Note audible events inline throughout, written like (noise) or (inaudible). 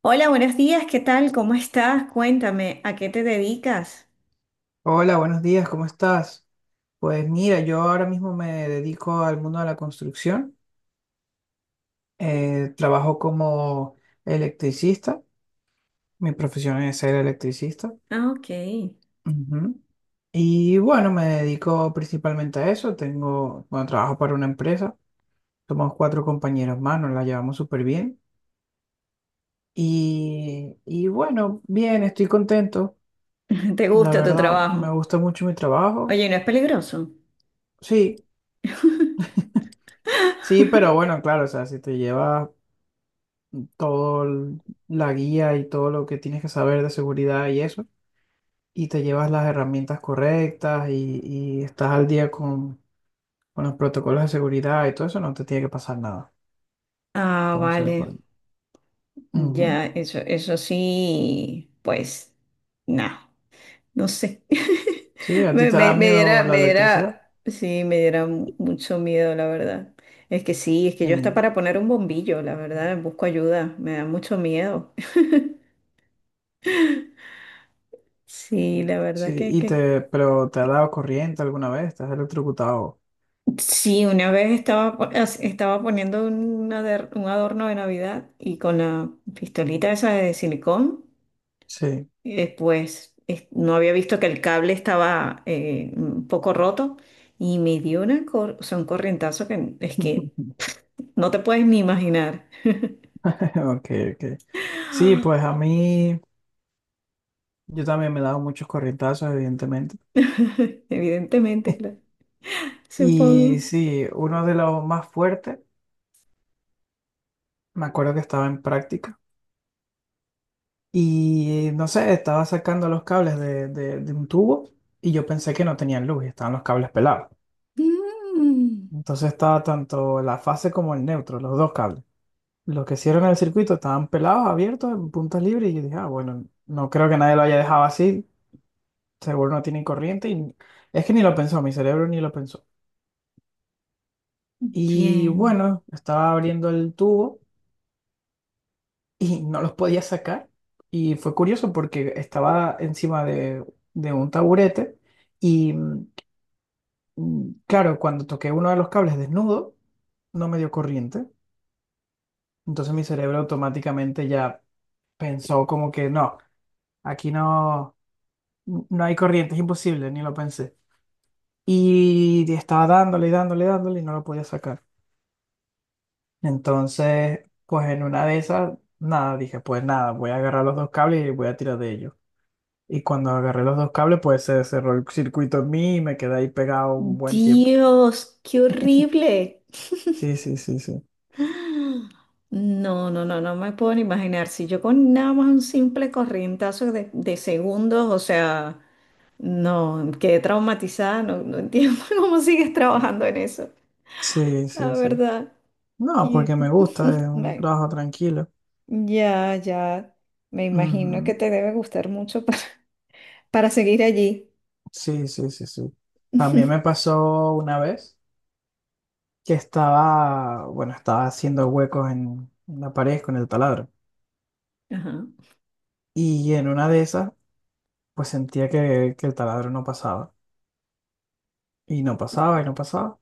Hola, buenos días, ¿qué tal? ¿Cómo estás? Cuéntame, ¿a qué te dedicas? Hola, buenos días, ¿cómo estás? Pues mira, yo ahora mismo me dedico al mundo de la construcción. Trabajo como electricista. Mi profesión es ser electricista. Ah, ok. Ujú. Y bueno, me dedico principalmente a eso. Tengo, bueno, trabajo para una empresa. Somos cuatro compañeros más, nos la llevamos súper bien. Y bueno, bien, estoy contento. (laughs) ¿Te La gusta tu verdad, me trabajo? gusta mucho mi trabajo. Oye, ¿no es peligroso? Sí, (laughs) sí, pero bueno, claro, o sea, si te llevas toda la guía y todo lo que tienes que saber de seguridad y eso, y te llevas las herramientas correctas y estás al día con los protocolos de seguridad y todo eso, no te tiene que pasar nada. Ah, Entonces, vale. pues, ujú. Ya, eso sí, pues, nada, no sé. (laughs) Sí, a ti Me, te me, da me miedo diera, la me electricidad. diera, sí, me diera mucho miedo, la verdad. Es que sí, es que yo hasta Sí, para poner un bombillo, la verdad, busco ayuda, me da mucho miedo. Sí, la verdad sí, que, que pero te ha dado corriente alguna vez, te has electrocutado. sí, una vez estaba, estaba poniendo un adorno de Navidad y con la pistolita esa de silicón, Sí. Pues no había visto que el cable estaba un poco roto y me dio una cor- o sea, un corrientazo que es que (laughs) no te puedes ni imaginar. Ok, ok. Sí, pues a (laughs) mí, yo también me he dado muchos corrientazos, evidentemente. Evidentemente, claro. Supongo. Y sí, uno de los más fuertes. Me acuerdo que estaba en práctica y no sé, estaba sacando los cables de un tubo y yo pensé que no tenían luz y estaban los cables pelados. Mm, Entonces estaba tanto la fase como el neutro, los dos cables. Los que hicieron el circuito estaban pelados, abiertos, en puntas libres y yo dije, ah, bueno, no creo que nadie lo haya dejado así, seguro no tiene corriente y es que ni lo pensó, mi cerebro ni lo pensó. Y bien. bueno, estaba abriendo el tubo, y no los podía sacar. Y fue curioso porque estaba encima de un taburete y claro, cuando toqué uno de los cables desnudo, no me dio corriente. Entonces mi cerebro automáticamente ya pensó como que no, aquí no, no hay corriente, es imposible, ni lo pensé. Y estaba dándole y dándole y dándole y no lo podía sacar. Entonces, pues en una de esas, nada, dije, pues nada, voy a agarrar los dos cables y voy a tirar de ellos. Y cuando agarré los dos cables, pues se cerró el circuito en mí y me quedé ahí pegado un buen tiempo. Dios, qué horrible. Sí, sí, sí, sí. No, no, no, no me puedo ni imaginar. Si yo con nada más un simple corrientazo de segundos, o sea, no, quedé traumatizada, no, no entiendo (laughs) cómo sigues trabajando en eso. Sí, La sí, sí. verdad, No, sí. porque me gusta, es (laughs) un Bueno, trabajo tranquilo. ya, ya, me imagino que Ujú. te debe gustar mucho para, (laughs) para seguir allí. Sí, sí, sí, sí. También me (laughs) pasó una vez que estaba, bueno, estaba haciendo huecos en la pared con el taladro. Ajá. Y en una de esas, pues sentía que el taladro no pasaba. Y no pasaba, y no pasaba.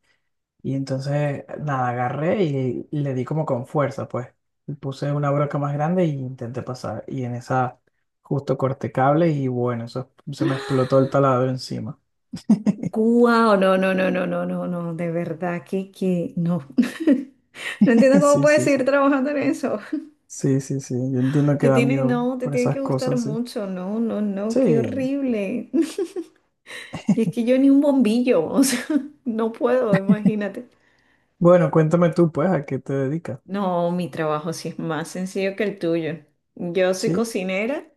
Y entonces, nada, agarré y le di como con fuerza, pues. Y puse una broca más grande y intenté pasar. Y en esa justo corté cable y bueno, eso se me explotó el taladro encima. (laughs) Guau, no, no, no, no, no, no, no, de verdad que no. (laughs) No entiendo cómo Sí, puedes sí, sí. seguir trabajando en eso. Sí, sí, sí. Yo entiendo que Te da tiene, miedo no, te por tiene esas que gustar cosas, sí. mucho, no, no, no, qué Sí. horrible. (laughs) Y es que (laughs) yo ni un bombillo, o sea, (laughs) no puedo, imagínate. Bueno, cuéntame tú, pues, ¿a qué te dedicas? No, mi trabajo sí es más sencillo que el tuyo. Yo soy Sí, cocinera,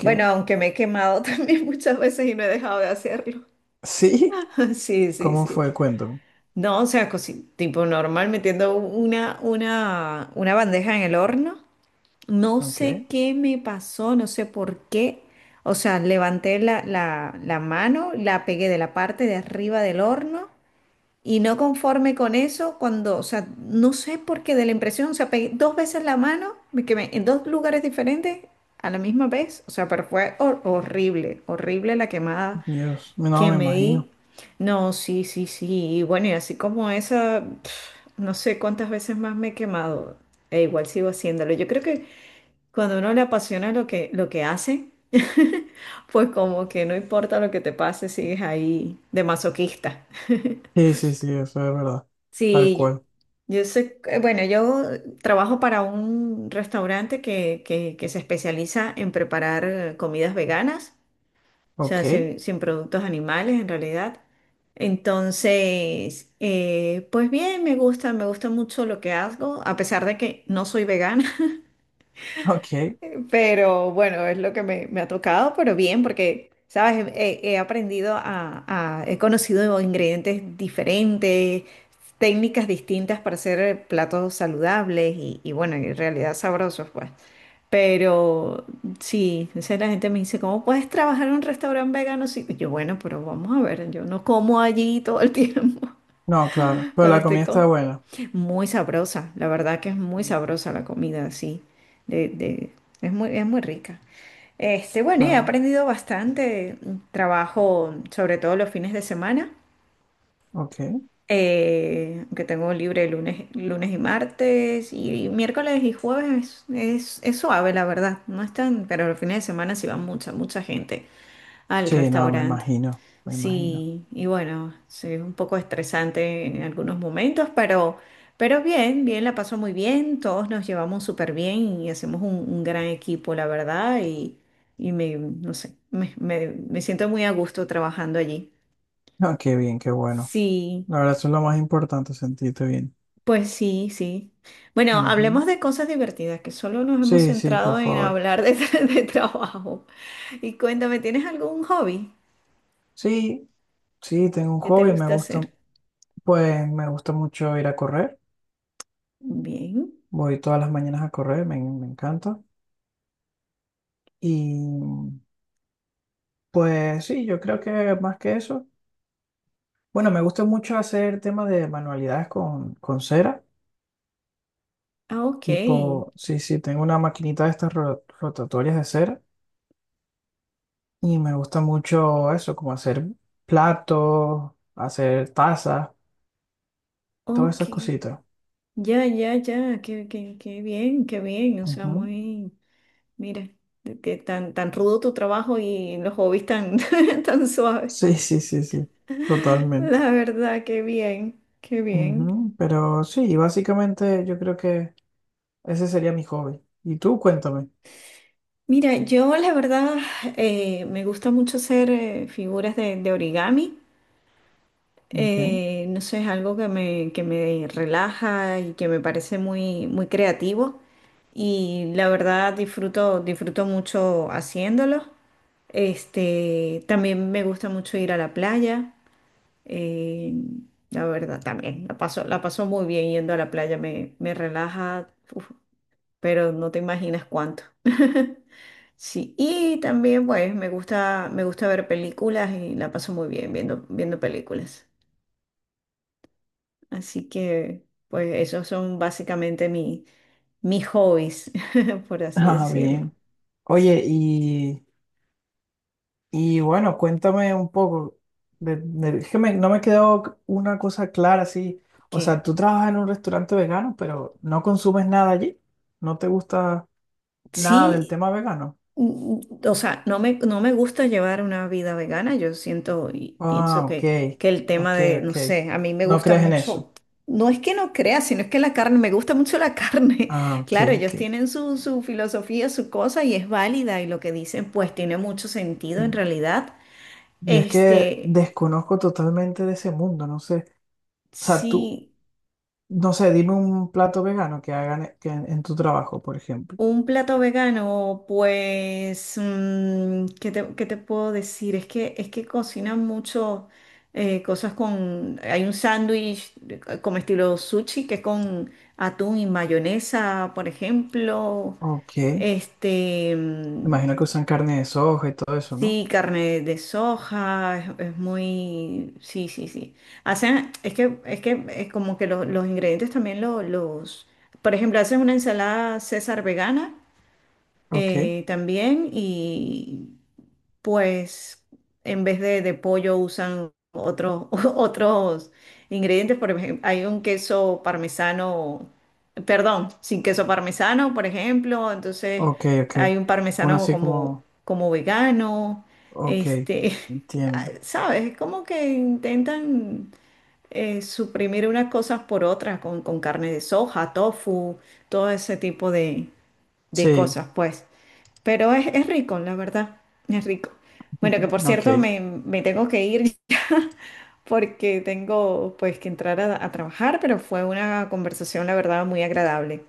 bueno, (laughs) aunque me he quemado (laughs) también muchas veces y no he dejado de hacerlo. Sí, (laughs) Sí, sí, ¿cómo sí. fue? Cuéntame. No, o sea, tipo normal, metiendo una bandeja en el horno. No Ok. sé qué me pasó, no sé por qué. O sea, levanté la mano, la pegué de la parte de arriba del horno y no conforme con eso, cuando, o sea, no sé por qué de la impresión, o sea, pegué dos veces la mano, me quemé en dos lugares diferentes a la misma vez. O sea, pero fue horrible, horrible la quemada Dios, no que me me di. imagino. No, sí, sí, sí. Y bueno, y así como esa, pf, no sé cuántas veces más me he quemado. E igual sigo haciéndolo. Yo creo que cuando uno le apasiona lo que hace, (laughs) pues como que no importa lo que te pase, sigues ahí de masoquista. Sí, sí, sí, eso es verdad. Tal Sí, cual. yo sé, bueno, yo trabajo para un restaurante que se especializa en preparar comidas veganas, o Ok, sea, sin productos animales en realidad. Entonces, pues bien, me gusta mucho lo que hago, a pesar de que no soy vegana. ok. Pero bueno, es lo que me ha tocado, pero bien, porque, ¿sabes? He aprendido a, he conocido ingredientes diferentes, técnicas distintas para hacer platos saludables y bueno, en realidad sabrosos, pues. Pero sí, o sea, la gente me dice, ¿cómo puedes trabajar en un restaurante vegano? Sí, yo, bueno, pero vamos a ver, yo no como allí todo el tiempo No, claro, (laughs) pero cuando la estoy comida está co- buena. muy sabrosa, la verdad que es muy Mm. sabrosa la comida, sí. De, de, es muy rica. Este, bueno, y he Claro, aprendido bastante. Trabajo sobre todo los fines de semana, ok. Que tengo libre lunes, martes, y miércoles y jueves es suave, la verdad. No están, pero los fines de semana sí va mucha, mucha gente al Sí, no, me restaurante. imagino, me imagino. Sí, y bueno, sí, es un poco estresante en algunos momentos, pero bien, bien, la pasó muy bien, todos nos llevamos súper bien y hacemos un gran equipo, la verdad, y, no sé, me siento muy a gusto trabajando allí. No, qué bien, qué bueno. Sí, La verdad, eso es lo más importante, sentirte bien. pues sí, sí. Bueno, Ujú. hablemos de cosas divertidas, que solo nos hemos Sí, sí, por centrado en favor. hablar de, (laughs) de trabajo. Y cuéntame, ¿tienes algún hobby Sí, sí, tengo un que te hobby, me gusta gusta, hacer? pues me gusta mucho ir a correr. Bien. Voy todas las mañanas a correr, me encanta. Y pues sí, yo creo que más que eso, bueno, me gusta mucho hacer temas de manualidades con cera. Ah, ok, Tipo, sí, sí, tengo una maquinita de estas rotatorias de cera y me gusta mucho eso, como hacer platos, hacer tazas, todas ok, esas cositas. ya, ya, ya, qué, qué, qué bien, o sea, Ujú. muy, mira, de que tan, tan rudo tu trabajo y los hobbies tan, (laughs) tan suaves, Sí, sí, sí, sí, totalmente. la verdad, qué bien, qué bien. Ujú. Pero sí, básicamente yo creo que ese sería mi hobby. Y tú, cuéntame. Mira, yo la verdad me gusta mucho hacer figuras de origami. Ok. (laughs) No sé, es algo que me relaja y que me parece muy, muy creativo. Y la verdad disfruto, disfruto mucho haciéndolo. Este, también me gusta mucho ir a la playa. eh, la verdad, también la paso muy bien yendo a la playa, me relaja, uf, pero no te imaginas cuánto. (laughs) Sí, y también pues me gusta ver películas y la paso muy bien viendo, viendo películas. Así que, pues, esos son básicamente mi, mis hobbies, (laughs) por así Ah, decirlo. bien. Oye. Y bueno, cuéntame un poco. Es que no me quedó una cosa clara así. O Que sea, tú trabajas en un restaurante vegano, pero no consumes nada allí. No te gusta nada del sí, tema vegano. mm, o sea, no me, no me gusta llevar una vida vegana. Yo siento y Ah, pienso ok. Que el tema Ok, de, no ok. sé, a mí me No gusta crees en eso. mucho. No es que no crea, sino es que la carne, me gusta mucho la carne. Ah, (laughs) ok, Claro, ellos ok. tienen su, su filosofía, su cosa y es válida y lo que dicen pues tiene mucho sentido en Mm. realidad. Yo es que Este, desconozco totalmente de ese mundo, no sé. O sea, tú, sí. no sé, dime un plato vegano que hagan que en tu trabajo, por ejemplo. Un plato vegano, pues, mm, qué te puedo decir? Es que cocinan mucho cosas con... Hay un sándwich como estilo sushi que es con atún y mayonesa, por ejemplo. Ok. Este, mm, Imagino que usan carne de soja y todo eso, ¿no? sí, carne de soja, es muy... Sí, sí, sí. Hacen, es que, es que es como que los ingredientes también los... Por ejemplo, hacen una ensalada César vegana Ok, también y pues en vez de pollo usan otros (laughs) otros ingredientes, por ejemplo, hay un queso parmesano, perdón, sin queso parmesano, por ejemplo, entonces ok, ok. hay un Uno parmesano así como, como, como vegano, ok, este, (laughs) ah, entiendo. ¿sabes? Es como que intentan... suprimir unas cosas por otras con carne de soja, tofu, todo ese tipo de Sí, cosas, pues. Pero es rico, la verdad, es rico. Bueno, que por (laughs) cierto, ok, me tengo que ir porque tengo pues que entrar a trabajar, pero fue una conversación, la verdad, muy agradable.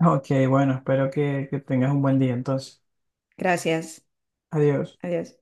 ok, bueno, espero que tengas un buen día entonces. Gracias. Adiós. Adiós.